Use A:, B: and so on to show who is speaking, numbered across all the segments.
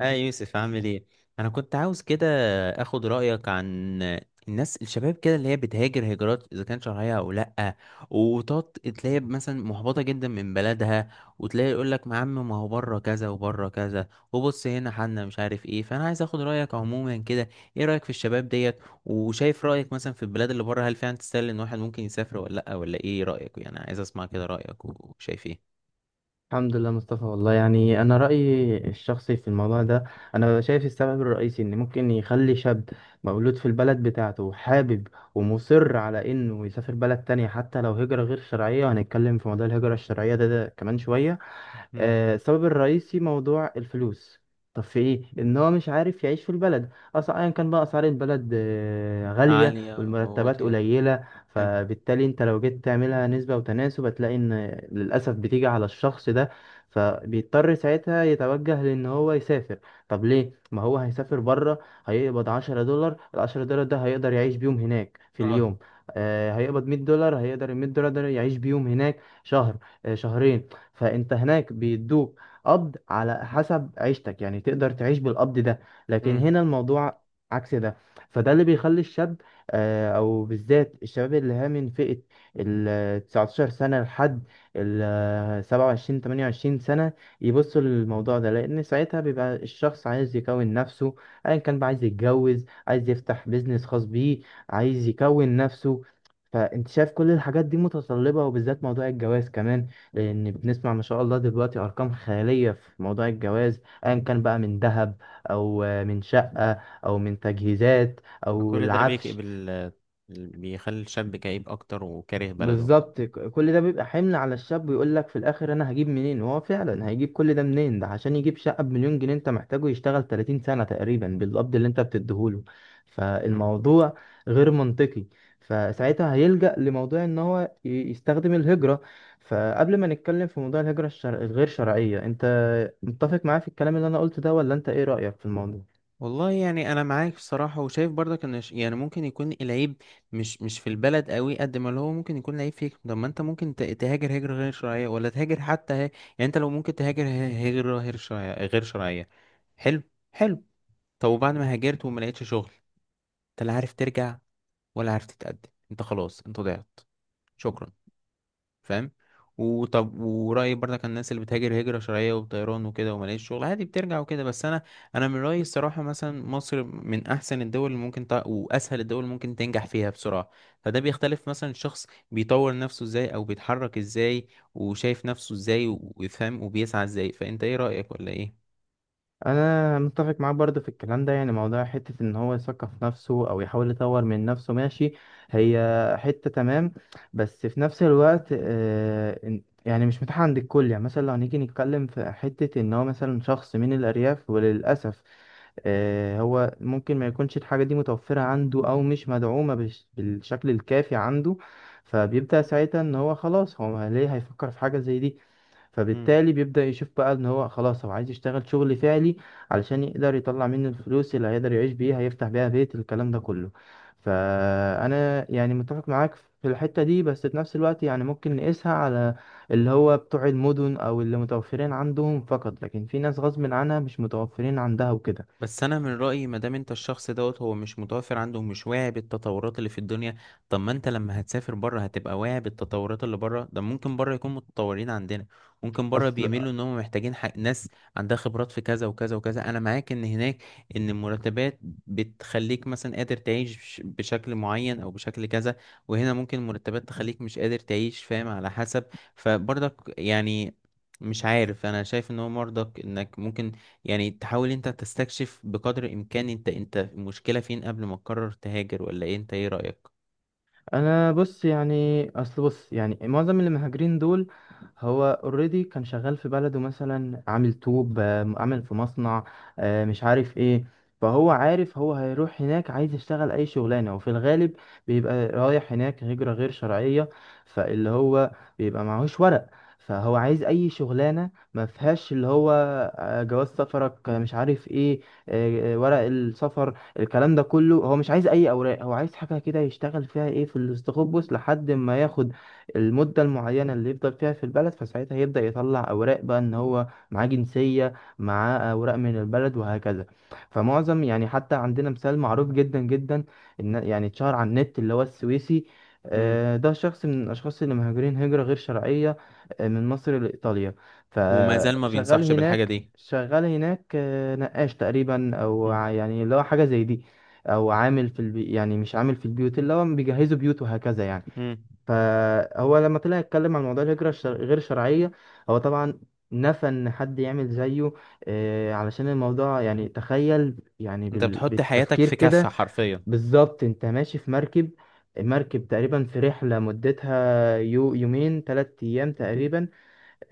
A: اه يوسف، عامل ايه؟ انا كنت عاوز كده اخد رايك عن الناس الشباب كده، اللي هي بتهاجر هجرات، اذا كان شرعيه او لا، وتقعد تلاقي مثلا محبطه جدا من بلدها، وتلاقي يقول لك ما عم، ما هو بره كذا وبره كذا، وبص هنا حنا مش عارف ايه. فانا عايز اخد رايك عموما كده. ايه رايك في الشباب ديت؟ وشايف رايك مثلا في البلاد اللي بره؟ هل فعلا تستاهل ان واحد ممكن يسافر ولا لا؟ ولا ايه رايك؟ يعني عايز اسمع كده رايك وشايف ايه.
B: الحمد لله مصطفى، والله يعني انا رايي الشخصي في الموضوع ده. انا شايف السبب الرئيسي ان ممكن يخلي شاب مولود في البلد بتاعته وحابب ومصر على انه يسافر بلد تانية، حتى لو هجرة غير شرعية، وهنتكلم في موضوع الهجرة الشرعية ده كمان شوية.
A: مم.
B: السبب الرئيسي موضوع الفلوس. طب في ايه؟ ان هو مش عارف يعيش في البلد اصلا، ايا كان بقى اسعار البلد غاليه
A: عالية
B: والمرتبات
A: وواطية.
B: قليله،
A: حلو.
B: فبالتالي انت لو جيت تعملها نسبه وتناسب هتلاقي ان للاسف بتيجي على الشخص ده، فبيضطر ساعتها يتوجه لان هو يسافر. طب ليه؟ ما هو هيسافر بره، هيقبض 10 دولار، العشرة دولار ده هيقدر يعيش بيهم هناك في
A: اه.
B: اليوم. هيقبض 100 دولار، هيقدر ال 100 دولار ده يعيش بيهم هناك شهر، شهرين. فانت هناك بيدوك قبض على حسب عيشتك، يعني تقدر تعيش بالقبض ده. لكن
A: مم.
B: هنا الموضوع عكس ده، فده اللي بيخلي الشاب، او بالذات الشباب اللي هي من فئة ال 19 سنة لحد ال 27 28 سنة يبصوا للموضوع ده، لأن ساعتها بيبقى الشخص عايز يكون نفسه، أيا كان بقى، عايز يتجوز، عايز يفتح بيزنس خاص بيه، عايز يكون نفسه. فأنت شايف كل الحاجات دي متطلبة، وبالذات موضوع الجواز كمان، لان بنسمع ما شاء الله دلوقتي ارقام خياليه في موضوع الجواز ايا كان بقى من ذهب او من شقه او من تجهيزات او
A: كل ده بيكئب
B: العفش.
A: بيخلي الشاب كئيب أكتر وكاره بلده.
B: بالظبط، كل ده بيبقى حمل على الشاب، ويقول لك في الاخر انا هجيب منين، وهو فعلا هيجيب كل ده منين؟ ده عشان يجيب شقة بمليون جنيه انت محتاجه يشتغل 30 سنة تقريبا بالقبض اللي انت بتديهوله. فالموضوع غير منطقي، فساعتها هيلجأ لموضوع ان هو يستخدم الهجرة. فقبل ما نتكلم في موضوع الغير شرعية، انت متفق معايا في الكلام اللي انا قلته ده؟ ولا انت ايه رأيك في الموضوع؟
A: والله يعني انا معاك بصراحه، وشايف برضك ان يعني ممكن يكون العيب، مش في البلد قوي، قد ما اللي هو ممكن يكون العيب فيك. طب ما انت ممكن تهاجر هجره غير شرعيه، ولا تهاجر حتى يعني. انت لو ممكن تهاجر هجره غير شرعيه غير شرعيه. حلو. حلو. طب وبعد ما هاجرت وما لقيتش شغل، انت لا عارف ترجع ولا عارف تتقدم. انت خلاص، انت ضيعت. شكرا. فاهم. وطب ورأيي برضك عن الناس اللي بتهاجر هجرة شرعية وطيران وكده وملاقيش شغل عادي بترجع وكده، بس أنا من رأيي الصراحة مثلا مصر من أحسن الدول اللي ممكن وأسهل الدول اللي ممكن تنجح فيها بسرعة. فده بيختلف مثلا الشخص بيطور نفسه إزاي، أو بيتحرك إزاي، وشايف نفسه إزاي، وفاهم وبيسعى إزاي. فأنت إيه رأيك ولا إيه؟
B: انا متفق معاك برضه في الكلام ده، يعني موضوع حته ان هو يثقف نفسه او يحاول يطور من نفسه، ماشي، هي حته تمام. بس في نفس الوقت يعني مش متاحه عند الكل. يعني مثلا لو هنيجي نتكلم في حته ان هو مثلا شخص من الارياف، وللاسف هو ممكن ما يكونش الحاجه دي متوفره عنده او مش مدعومه بالشكل الكافي عنده. فبيبدأ ساعتها ان هو خلاص، هو ليه هيفكر في حاجه زي دي؟ فبالتالي بيبدأ يشوف بقى ان هو خلاص، هو عايز يشتغل شغل فعلي علشان يقدر يطلع منه الفلوس اللي هيقدر يعيش بيها، يفتح بيها بيت، الكلام ده كله. فانا يعني متفق معاك في الحتة دي، بس في نفس الوقت يعني ممكن نقيسها على اللي هو بتوع المدن او اللي متوفرين عندهم فقط، لكن في ناس غصب عنها مش متوفرين عندها وكده.
A: بس انا من رايي، ما دام انت الشخص دوت هو مش متوفر عنده ومش واعي بالتطورات اللي في الدنيا، طب ما انت لما هتسافر بره هتبقى واعي بالتطورات اللي بره. ده ممكن بره يكون متطورين عندنا. ممكن بره
B: اصل
A: بيميلوا ان هم محتاجين حق ناس عندها خبرات في كذا وكذا وكذا. انا معاك ان هناك، ان المرتبات بتخليك مثلا قادر تعيش بشكل معين او بشكل كذا. وهنا ممكن المرتبات تخليك مش قادر تعيش، فاهم، على حسب. فبرضك يعني مش عارف، انا شايف ان هو مرضك انك ممكن يعني تحاول انت تستكشف بقدر الامكان، انت المشكلة فين قبل ما تقرر تهاجر ولا ايه. انت ايه رأيك؟
B: انا بص يعني معظم اللي مهاجرين دول هو اوريدي كان شغال في بلده، مثلا عامل طوب، عامل في مصنع، مش عارف ايه. فهو عارف هو هيروح هناك عايز يشتغل اي شغلانه، وفي الغالب بيبقى رايح هناك هجره غير شرعيه، فاللي هو بيبقى معهوش ورق. فهو عايز اي شغلانه ما فيهاش اللي هو جواز سفرك، مش عارف ايه، ورق السفر. الكلام ده كله هو مش عايز اي اوراق، هو عايز حاجه كده يشتغل فيها ايه في الاستخبص لحد ما ياخد المده المعينه اللي يفضل فيها في البلد، فساعتها يبدا يطلع اوراق بقى ان هو معاه جنسيه، معاه اوراق من البلد وهكذا. فمعظم يعني، حتى عندنا مثال معروف جدا جدا، ان يعني اتشهر على النت اللي هو السويسي،
A: امم.
B: ده شخص من الاشخاص اللي مهاجرين هجره غير شرعيه من مصر لايطاليا.
A: وما زال ما
B: فشغال
A: بينصحش بالحاجة
B: هناك،
A: دي.
B: شغال هناك نقاش تقريبا، او يعني اللي هو حاجه زي دي، او عامل في يعني مش عامل في البيوت، اللي هو بيجهزوا بيوت وهكذا يعني.
A: امم.
B: فهو لما طلع يتكلم عن موضوع غير شرعيه، هو طبعا نفى ان حد يعمل زيه، علشان الموضوع، يعني تخيل يعني
A: انت بتحط حياتك
B: بالتفكير
A: في كفة
B: كده.
A: حرفيا.
B: بالظبط، انت ماشي في مركب، مركب تقريبا في رحله مدتها يومين ثلاث ايام تقريبا،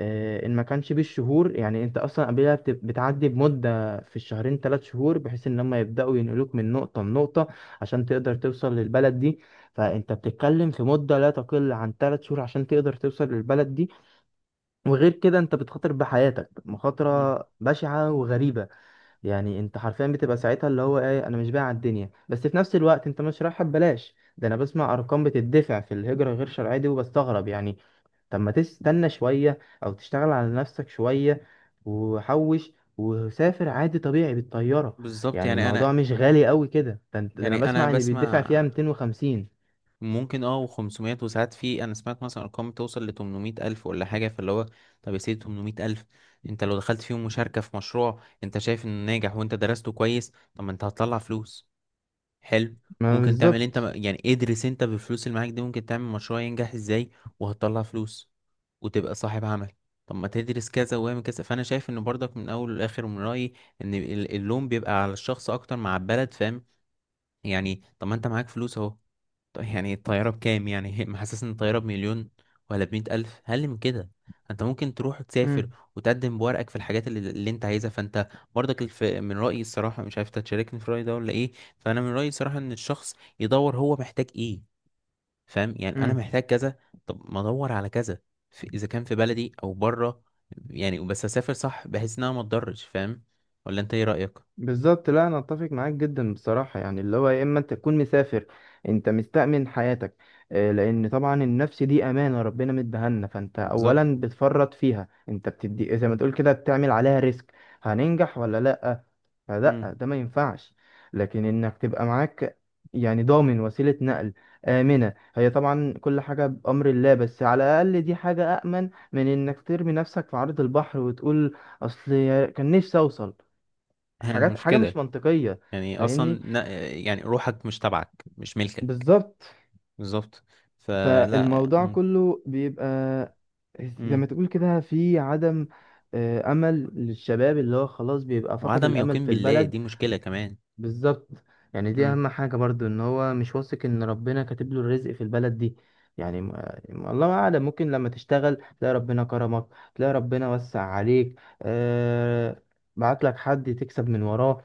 B: ان ما كانش بالشهور. يعني انت اصلا قبلها بتعدي بمده في الشهرين ثلاث شهور بحيث ان هم يبداوا ينقلوك من نقطه لنقطه عشان تقدر توصل للبلد دي. فانت بتتكلم في مده لا تقل عن ثلاث شهور عشان تقدر توصل للبلد دي، وغير كده انت بتخاطر بحياتك
A: امم.
B: مخاطره بشعه وغريبه. يعني انت حرفيا بتبقى ساعتها اللي هو ايه، انا مش بايع على الدنيا، بس في نفس الوقت انت مش رايحها ببلاش، ده انا بسمع ارقام بتدفع في الهجره غير شرعيه دي وبستغرب يعني. طب ما تستنى شوية، أو تشتغل على نفسك شوية، وحوش وسافر عادي طبيعي بالطيارة.
A: بالظبط.
B: يعني
A: يعني
B: الموضوع
A: انا
B: مش غالي قوي كده، ده ده أنا
A: يعني انا
B: بسمع إن بيدفع
A: بسمع
B: فيها 250،
A: ممكن و500 وساعات، في انا سمعت مثلا ارقام توصل ل 800 الف ولا حاجه فاللي هو. طب يا سيدي، 800 الف انت لو دخلت فيهم مشاركه في مشروع انت شايف انه ناجح وانت درسته كويس، طب ما انت هتطلع فلوس. حلو.
B: ما
A: ممكن تعمل انت،
B: بالظبط.
A: يعني ادرس انت بالفلوس اللي معاك دي، ممكن تعمل مشروع ينجح ازاي، وهتطلع فلوس، وتبقى صاحب عمل. طب ما تدرس كذا واعمل كذا. فانا شايف ان برضك من اول لاخر، من رايي ان اللوم بيبقى على الشخص اكتر مع البلد، فاهم. يعني طب ما انت معاك فلوس اهو. طب يعني الطيارة بكام؟ يعني محسس ان الطيارة بمليون، ولا بمية ألف أقل من كده. انت ممكن تروح تسافر
B: امم
A: وتقدم بورقك في الحاجات اللي انت عايزها. فانت برضك من رأيي الصراحة مش عارف انت تشاركني في رأيي ده ولا ايه. فانا من رأيي الصراحة ان الشخص يدور هو محتاج ايه. فاهم، يعني انا
B: امم
A: محتاج كذا، طب ما ادور على كذا اذا كان في بلدي او بره. يعني بس اسافر صح بحيث انها ما تضرش. فاهم، ولا انت ايه رأيك؟
B: بالظبط. لا، أنا أتفق معاك جدا بصراحة، يعني اللي هو يا إما أنت تكون مسافر أنت مستأمن حياتك، لأن طبعا النفس دي أمانة ربنا مديها لنا، فأنت
A: بالظبط.
B: أولا بتفرط فيها، أنت بتدي زي ما تقول كده، بتعمل عليها ريسك، هننجح ولا لأ؟
A: مم.
B: فلا، ده ما ينفعش. لكن انك تبقى معاك يعني ضامن وسيلة نقل آمنة، هي طبعا كل حاجة بأمر الله، بس على الأقل دي حاجة أأمن من إنك ترمي نفسك في عرض البحر وتقول أصل كان نفسي أوصل، حاجات
A: مش
B: حاجة مش
A: كده؟
B: منطقية،
A: يعني
B: فاهمني؟
A: اصلا يعني روحك مش تبعك، مش ملكك.
B: بالظبط،
A: بالظبط. فلا.
B: فالموضوع
A: مم.
B: كله بيبقى زي ما
A: مم.
B: تقول كده في عدم أمل للشباب اللي هو خلاص بيبقى فقد
A: وعدم
B: الأمل
A: يقين
B: في
A: بالله
B: البلد.
A: دي مشكلة كمان.
B: بالظبط، يعني دي
A: مم.
B: اهم حاجة برضو، ان هو مش واثق ان ربنا كاتب له الرزق في البلد دي. يعني الله اعلم، ممكن لما تشتغل تلاقي ربنا كرمك، تلاقي ربنا وسع عليك، بعت لك حد تكسب من وراه.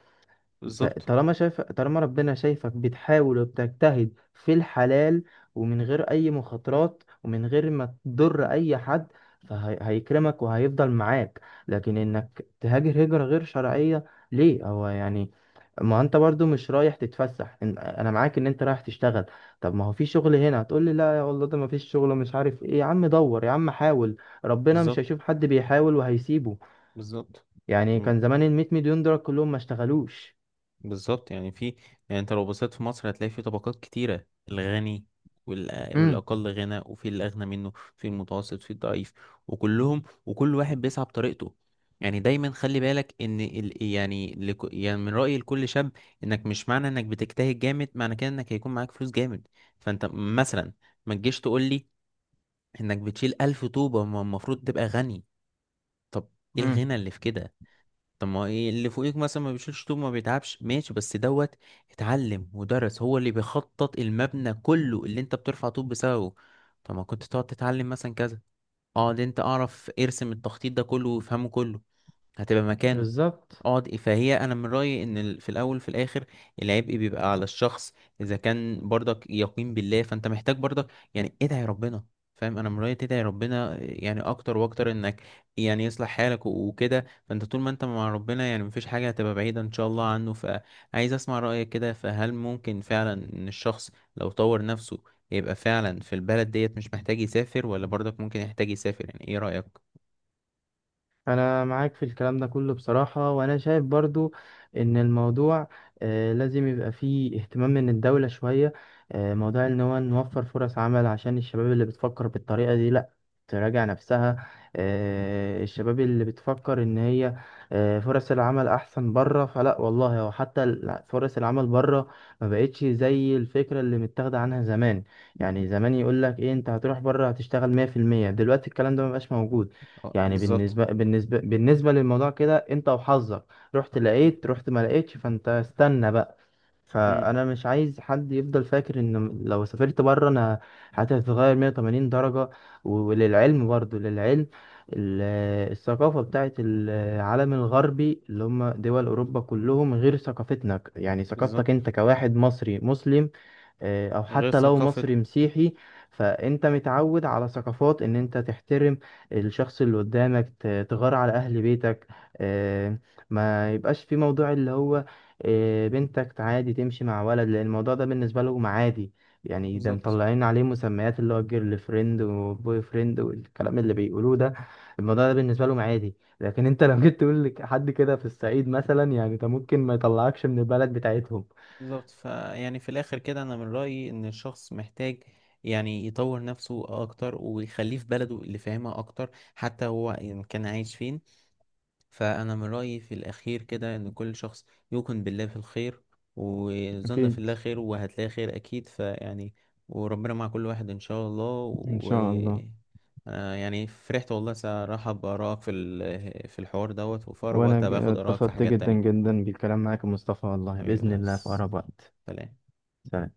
A: بالظبط.
B: طالما شايف، طالما ربنا شايفك بتحاول وبتجتهد في الحلال، ومن غير اي مخاطرات، ومن غير ما تضر اي حد، فهيكرمك وهيفضل معاك. لكن انك تهاجر هجرة غير شرعية، ليه هو يعني؟ ما انت برضو مش رايح تتفسح، انا معاك ان انت رايح تشتغل. طب ما هو في شغل هنا، هتقول لي لا يا والله ده ما فيش شغل مش عارف ايه. يا عم دور، يا عم حاول، ربنا مش
A: بالظبط.
B: هيشوف حد بيحاول وهيسيبه.
A: بالظبط.
B: يعني كان زمان ال 100 مليون دولار كلهم ما اشتغلوش.
A: بالظبط. يعني في يعني انت لو بصيت في مصر هتلاقي في طبقات كتيرة. الغني والأقل غنى، وفي الأغنى منه، في المتوسط، في الضعيف. وكلهم، وكل واحد بيسعى بطريقته. يعني دايما خلي بالك ان يعني يعني من رأيي لكل شاب، انك مش معنى انك بتجتهد جامد معنى كده انك هيكون معاك فلوس جامد. فانت مثلا ما تجيش تقول لي انك بتشيل ألف طوبة ما المفروض تبقى غني؟ طب ايه
B: امم.
A: الغنى اللي في كده؟ طب ما هو ايه اللي فوقيك مثلا ما بيشيلش طوب ما بيتعبش ماشي، بس دوت اتعلم ودرس، هو اللي بيخطط المبنى كله اللي انت بترفع طوب بسببه. طب ما كنت تقعد تتعلم مثلا كذا؟ اه ده انت اعرف ارسم التخطيط ده كله وافهمه كله، هتبقى مكانه.
B: بالظبط.
A: اه فهي انا من رايي ان في الاول في الاخر العبء بيبقى على الشخص. اذا كان برضك يقين بالله، فانت محتاج برضك يعني ادعي ربنا. فاهم، انا من رايي تدعي ربنا يعني اكتر واكتر، انك يعني يصلح حالك وكده. فانت طول ما انت مع ربنا يعني مفيش حاجه هتبقى بعيده ان شاء الله عنه. فعايز اسمع رايك كده، فهل ممكن فعلا ان الشخص لو طور نفسه يبقى فعلا في البلد ديت مش محتاج يسافر؟ ولا برضك ممكن يحتاج يسافر؟ يعني ايه رايك؟
B: انا معاك في الكلام ده كله بصراحة، وانا شايف برضو ان الموضوع لازم يبقى فيه اهتمام من الدولة شوية، موضوع ان هو نوفر فرص عمل عشان الشباب اللي بتفكر بالطريقة دي لا تراجع نفسها. الشباب اللي بتفكر ان هي فرص العمل احسن بره، فلا والله هو حتى فرص العمل بره ما بقتش زي الفكرة اللي متاخدة عنها زمان. يعني زمان يقول لك ايه؟ انت هتروح بره هتشتغل 100%، دلوقتي الكلام ده ما بقاش موجود.
A: اه
B: يعني
A: بالظبط.
B: بالنسبة للموضوع كده انت وحظك، رحت لقيت، رحت ما لقيتش، فانت استنى بقى.
A: مم.
B: فانا مش عايز حد يفضل فاكر ان لو سافرت بره انا حياتي هتتغير 180 درجة. وللعلم برضو ال- الثقافة بتاعت العالم الغربي اللي هم دول أوروبا كلهم غير ثقافتنا، يعني
A: بالظبط.
B: ثقافتك أنت كواحد مصري مسلم، او
A: غير
B: حتى لو
A: ثقافة.
B: مصري مسيحي. فانت متعود على ثقافات ان انت تحترم الشخص اللي قدامك، تغار على اهل بيتك، آه، ما يبقاش في موضوع اللي هو بنتك عادي تمشي مع ولد، لان الموضوع ده بالنسبة لهم عادي. يعني ده
A: بالظبط.
B: مطلعين عليه مسميات اللي هو الجيرل فريند وبوي فريند والكلام اللي بيقولوه ده. الموضوع ده بالنسبة لهم عادي، لكن انت لو جيت تقول لحد كده في الصعيد مثلا، يعني ده ممكن ما يطلعكش من البلد بتاعتهم.
A: بالظبط. فيعني في الاخر كده انا من رأيي ان الشخص محتاج يعني يطور نفسه اكتر، ويخليه في بلده اللي فاهمها اكتر حتى هو ان كان عايش فين. فانا من رأيي في الاخير كده ان كل شخص يوقن بالله في الخير، وظن في
B: أكيد.
A: الله خير وهتلاقي خير اكيد، فيعني وربنا مع كل واحد ان شاء الله.
B: إن
A: و
B: شاء الله.
A: يعني فرحت والله صراحة بآرائك في في الحوار دوت، وفي أقرب
B: وانا
A: وقت هباخد آرائك في
B: اتبسطت
A: حاجات
B: جدا
A: تانية.
B: جدا بالكلام معاك يا مصطفى، والله
A: حبيبي
B: بإذن
A: والله.
B: الله في
A: بس،
B: أقرب وقت.
A: سلام.
B: سلام.